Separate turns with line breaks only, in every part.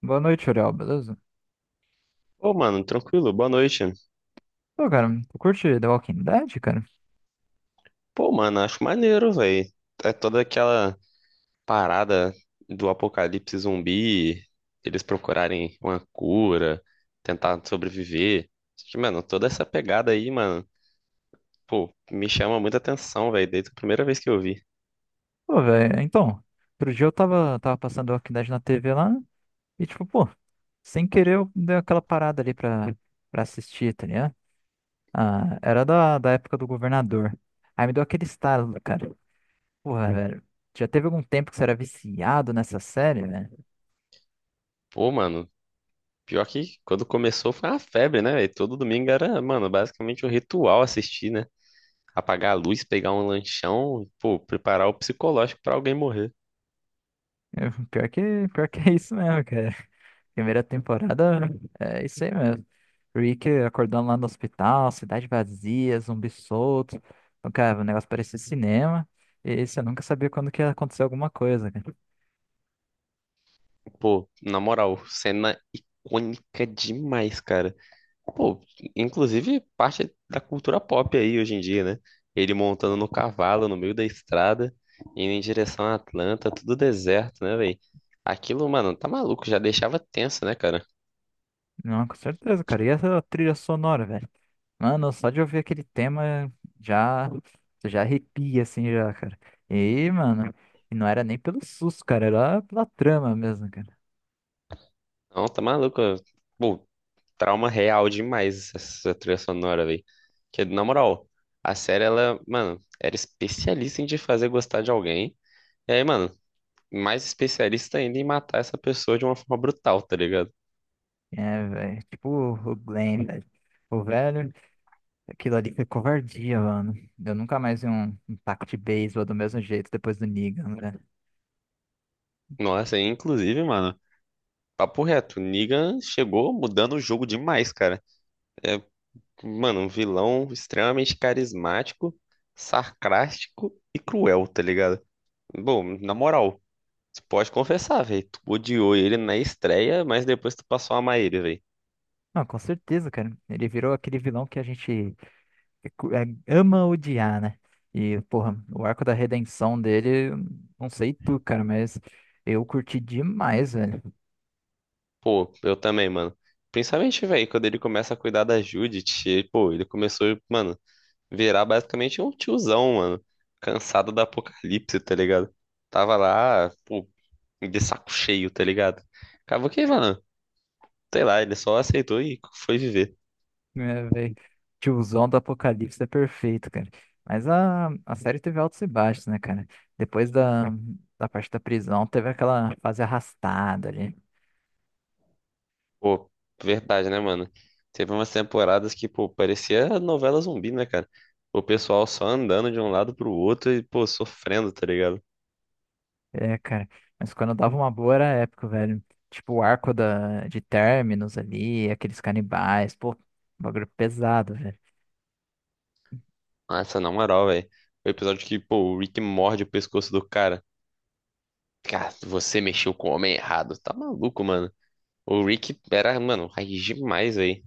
Boa noite, Uriel, beleza?
Pô, mano, tranquilo, boa noite.
Pô, cara, tu curte The Walking Dead, cara?
Pô, mano, acho maneiro, velho. É toda aquela parada do apocalipse zumbi, eles procurarem uma cura, tentar sobreviver. Acho que, mano, toda essa pegada aí, mano, pô, me chama muita atenção, velho, desde a primeira vez que eu vi.
Pô, velho, então, outro dia eu tava, passando The Walking Dead na TV lá e, tipo, pô, sem querer eu dei aquela parada ali pra assistir, tá ligado? Ah, era da época do governador. Aí me deu aquele estalo, cara. Porra, velho, já teve algum tempo que você era viciado nessa série, velho?
Pô, mano, pior que quando começou foi uma febre, né, velho? Todo domingo era, mano, basicamente um ritual assistir, né? Apagar a luz, pegar um lanchão, pô, preparar o psicológico pra alguém morrer.
Pior que é isso mesmo, cara. Primeira temporada é isso aí mesmo. Rick acordando lá no hospital, cidade vazia, zumbi solto. Então, cara, o negócio parecia cinema. E você nunca sabia quando que ia acontecer alguma coisa, cara.
Pô, na moral, cena icônica demais, cara. Pô, inclusive parte da cultura pop aí hoje em dia, né? Ele montando no cavalo, no meio da estrada, indo em direção a Atlanta, tudo deserto, né, velho? Aquilo, mano, tá maluco, já deixava tenso, né, cara?
Não, com certeza, cara. E essa trilha sonora, velho? Mano, só de ouvir aquele tema já, você já arrepia, assim, já, cara. E, mano, e não era nem pelo susto, cara. Era pela trama mesmo, cara.
Não, tá maluco. Pô, trauma real demais essa trilha sonora, velho. Que, na moral, a série, ela, mano, era especialista em te fazer gostar de alguém. E aí, mano, mais especialista ainda em matar essa pessoa de uma forma brutal, tá ligado?
É, velho. Tipo o Glenn, velho. O velho. Aquilo ali foi covardia, mano. Eu nunca mais vi um taco de beisebol do mesmo jeito depois do Negan, né?
Nossa, e inclusive, mano, papo reto, Negan chegou mudando o jogo demais, cara. É, mano, um vilão extremamente carismático, sarcástico e cruel, tá ligado? Bom, na moral, tu pode confessar, velho, tu odiou ele na estreia, mas depois tu passou a amar ele, velho.
Não, com certeza, cara. Ele virou aquele vilão que a gente ama odiar, né? E, porra, o arco da redenção dele, não sei tu, cara, mas eu curti demais, velho.
Pô, eu também, mano. Principalmente, velho, quando ele começa a cuidar da Judith, e, pô, ele começou, mano, virar basicamente um tiozão, mano. Cansado da apocalipse, tá ligado? Tava lá, pô, de saco cheio, tá ligado? Acabou que, mano, sei lá, ele só aceitou e foi viver.
É, velho. Tiozão do Apocalipse é perfeito, cara. Mas a série teve altos e baixos, né, cara? Depois da parte da prisão, teve aquela fase arrastada ali.
Pô, verdade, né, mano? Teve umas temporadas que, pô, parecia novela zumbi, né, cara? O pessoal só andando de um lado pro outro e, pô, sofrendo, tá ligado?
É, cara. Mas quando dava uma boa era épico, velho. Tipo, o arco de Terminus ali, aqueles canibais, pô, bagulho pesado, velho.
Nossa, na moral, velho. O episódio que, pô, o Rick morde o pescoço do cara. Cara, você mexeu com o homem errado. Tá maluco, mano. O Rick era, mano, raiz demais aí.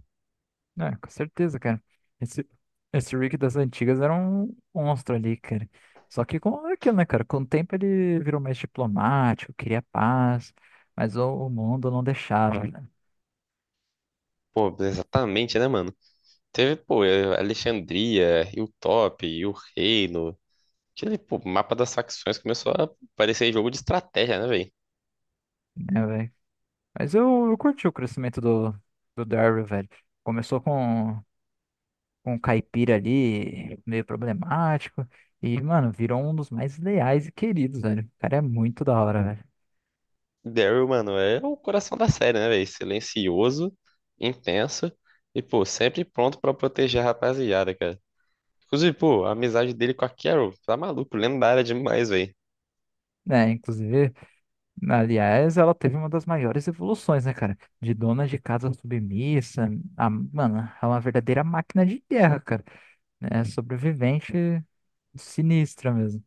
É, com certeza, cara. Esse, esse Rick das antigas era um monstro ali, cara. Só que com aquilo, né, cara? Com o tempo ele virou mais diplomático, queria paz, mas o mundo não deixava,
Pô, exatamente, né, mano? Teve, pô, Alexandria, Hilltop, e o Reino. Aquele, pô, mapa das facções começou a parecer jogo de estratégia, né, velho?
né, velho? Mas eu curti o crescimento do Daryl, velho. Começou com um caipira ali meio problemático. E, mano, virou um dos mais leais e queridos, velho. O cara é muito da hora, velho.
Daryl, mano, é o coração da série, né, velho? Silencioso, intenso e, pô, sempre pronto pra proteger a rapaziada, cara. Inclusive, pô, a amizade dele com a Carol, tá maluco, lendária demais, velho.
Né, inclusive, aliás, ela teve uma das maiores evoluções, né, cara? De dona de casa submissa, a, mano, é uma verdadeira máquina de guerra, cara. É sobrevivente sinistra mesmo.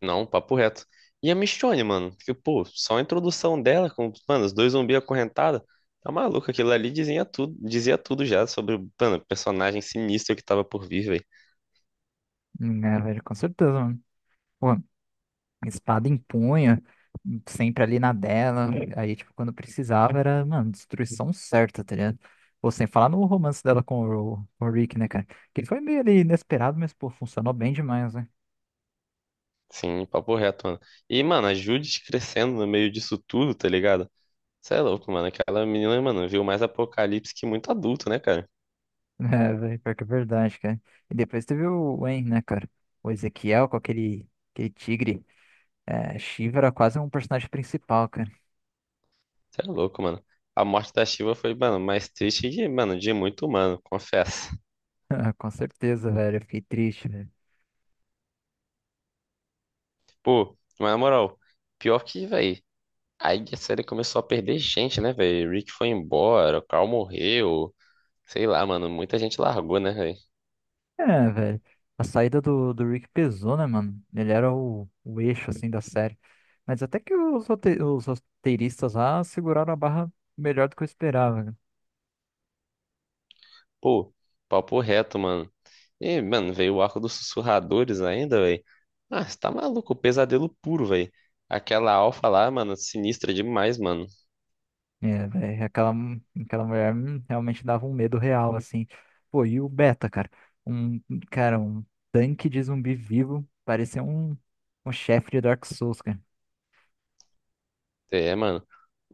Não, papo reto. E a Michonne, mano, que, pô, só a introdução dela com, mano, os dois zumbis acorrentados, tá maluco, aquilo ali dizia tudo já sobre, o, mano, o personagem sinistro que tava por vir, velho.
É, velho, com certeza, mano. Pô, espada em punho, sempre ali na dela. Aí, tipo, quando precisava, era, mano, destruição certa, tá ligado? Ou sem falar no romance dela com com o Rick, né, cara? Que foi meio ali inesperado, mas, pô, funcionou bem demais, né?
Sim, papo reto, mano. E, mano, a Judith crescendo no meio disso tudo, tá ligado? Cê é louco, mano, aquela menina, mano, viu mais apocalipse que muito adulto, né, cara?
É, velho, pior que é verdade, cara. E depois teve o Wayne, né, cara? O Ezequiel com aquele tigre. É, Shiva era quase um personagem principal, cara.
Cê é louco, mano. A morte da Shiva foi, mano, mais triste que, mano, de muito humano, confesso.
Com certeza, velho. Eu fiquei triste, velho.
Pô, mas na moral, pior que, velho. Aí a série começou a perder gente, né, velho? Rick foi embora, o Carl morreu. Sei lá, mano, muita gente largou, né, velho?
É, velho. A saída do Rick pesou, né, mano? Ele era o eixo, assim, da série. Mas até que os roteiristas lá seguraram a barra melhor do que eu esperava, né?
Pô, papo reto, mano. E, mano, veio o arco dos sussurradores ainda, velho. Ah, você tá maluco, pesadelo puro, velho. Aquela alfa lá, mano, sinistra demais, mano.
É, velho, aquela mulher realmente dava um medo real, assim. Pô, e o Beta, cara? Um, um tanque de zumbi vivo. Parecia um chefe de Dark Souls, cara.
É, mano.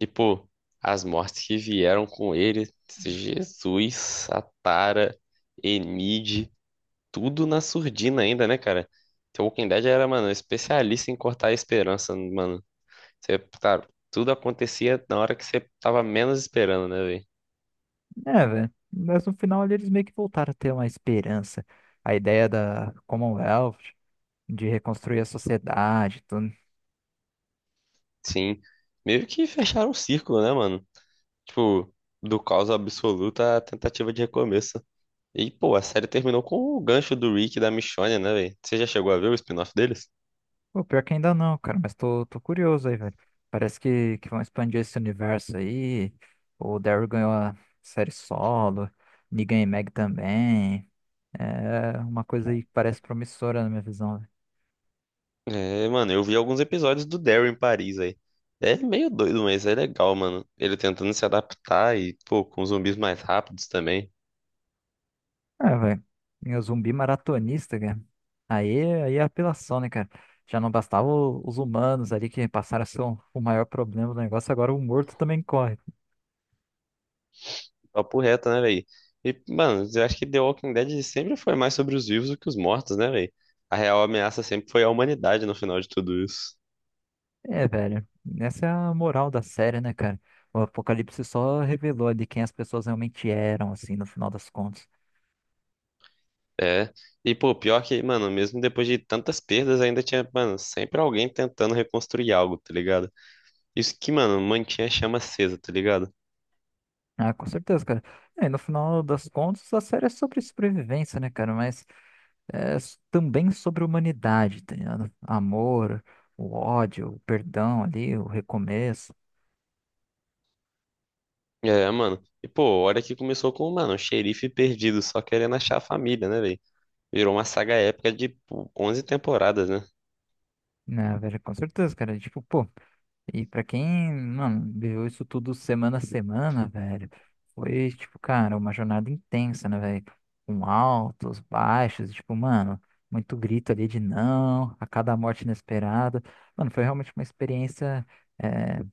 E, pô, as mortes que vieram com ele, Jesus, Atara, Enid, tudo na surdina ainda, né, cara? The Walking Dead era, mano, especialista em cortar a esperança, mano. Você, cara, tudo acontecia na hora que você tava menos esperando, né, velho?
É, velho. Mas no final ali, eles meio que voltaram a ter uma esperança. A ideia da Commonwealth de reconstruir a sociedade, e tudo.
Sim. Meio que fecharam um círculo, né, mano? Tipo, do caos absoluto à tentativa de recomeço. E, pô, a série terminou com o gancho do Rick e da Michonne, né, velho? Você já chegou a ver o spin-off deles?
Pô, pior que ainda não, cara, mas tô curioso aí, velho. Parece que vão expandir esse universo aí. O Daryl ganhou a série solo, Negan e Meg também. É uma coisa aí que parece promissora na minha visão, velho.
É, mano, eu vi alguns episódios do Daryl em Paris aí. É meio doido, mas é legal, mano. Ele tentando se adaptar e, pô, com zumbis mais rápidos também.
É, velho. E o zumbi maratonista, cara. Aí é apelação, né, cara? Já não bastava os humanos ali que passaram a ser o maior problema do negócio, agora o morto também corre.
Papo reto, né, velho? E, mano, eu acho que The Walking Dead sempre foi mais sobre os vivos do que os mortos, né, velho? A real ameaça sempre foi a humanidade no final de tudo isso.
É, velho. Essa é a moral da série, né, cara? O Apocalipse só revelou ali quem as pessoas realmente eram, assim, no final das contas.
É. E, pô, pior que, mano, mesmo depois de tantas perdas, ainda tinha, mano, sempre alguém tentando reconstruir algo, tá ligado? Isso que, mano, mantinha a chama acesa, tá ligado?
Ah, com certeza, cara. É, no final das contas, a série é sobre sobrevivência, né, cara? Mas também sobre humanidade, tá ligado? Amor, o ódio, o perdão ali, o recomeço.
É, mano. E, pô, olha que começou com, mano, um xerife perdido, só querendo achar a família, né, velho? Virou uma saga épica de, pô, 11 temporadas, né?
Né, velho, com certeza, cara. Tipo, pô. E pra quem, mano, viveu isso tudo semana a semana, velho, foi, tipo, cara, uma jornada intensa, né, velho? Com altos, baixos, tipo, mano, muito grito ali de não, a cada morte inesperada. Mano, foi realmente uma experiência é,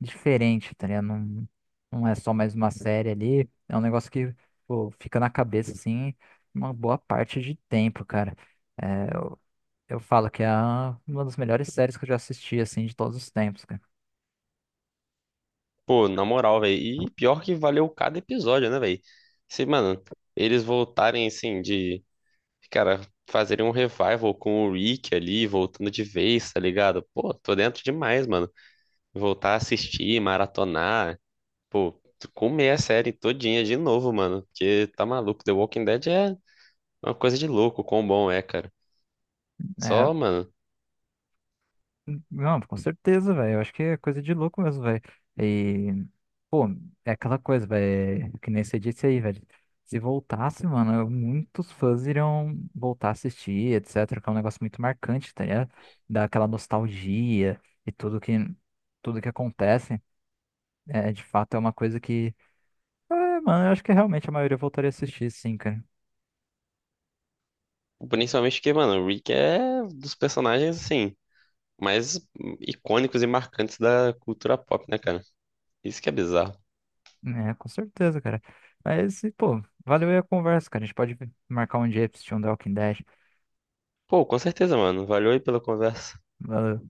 diferente, tá ligado? Não, não é só mais uma série ali, é um negócio que, pô, fica na cabeça, assim, uma boa parte de tempo, cara. É, eu, eu falo que é uma das melhores séries que eu já assisti, assim, de todos os tempos, cara.
Pô, na moral, velho. E pior que valeu cada episódio, né, velho? Se, mano, eles voltarem, assim, de, cara, fazerem um revival com o Rick ali, voltando de vez, tá ligado? Pô, tô dentro demais, mano. Voltar a assistir, maratonar, pô, comer a série todinha de novo, mano. Porque tá maluco. The Walking Dead é uma coisa de louco, quão bom é, cara.
É,
Só, mano.
não, com certeza, velho. Eu acho que é coisa de louco mesmo, velho. E, pô, é aquela coisa, velho, é que nem você disse aí, velho. Se voltasse, mano, muitos fãs iriam voltar a assistir, etc. Que é um negócio muito marcante, tá ligado? Dá aquela nostalgia e tudo tudo que acontece. É, de fato, é uma coisa que é, mano, eu acho que realmente a maioria voltaria a assistir, sim, cara.
Principalmente porque, mano, o Rick é dos personagens, assim, mais icônicos e marcantes da cultura pop, né, cara? Isso que é bizarro.
É, com certeza, cara. Mas, e, pô, valeu aí a conversa, cara. A gente pode marcar um dia pra assistir um The Walking Dead.
Pô, com certeza, mano. Valeu aí pela conversa.
Valeu.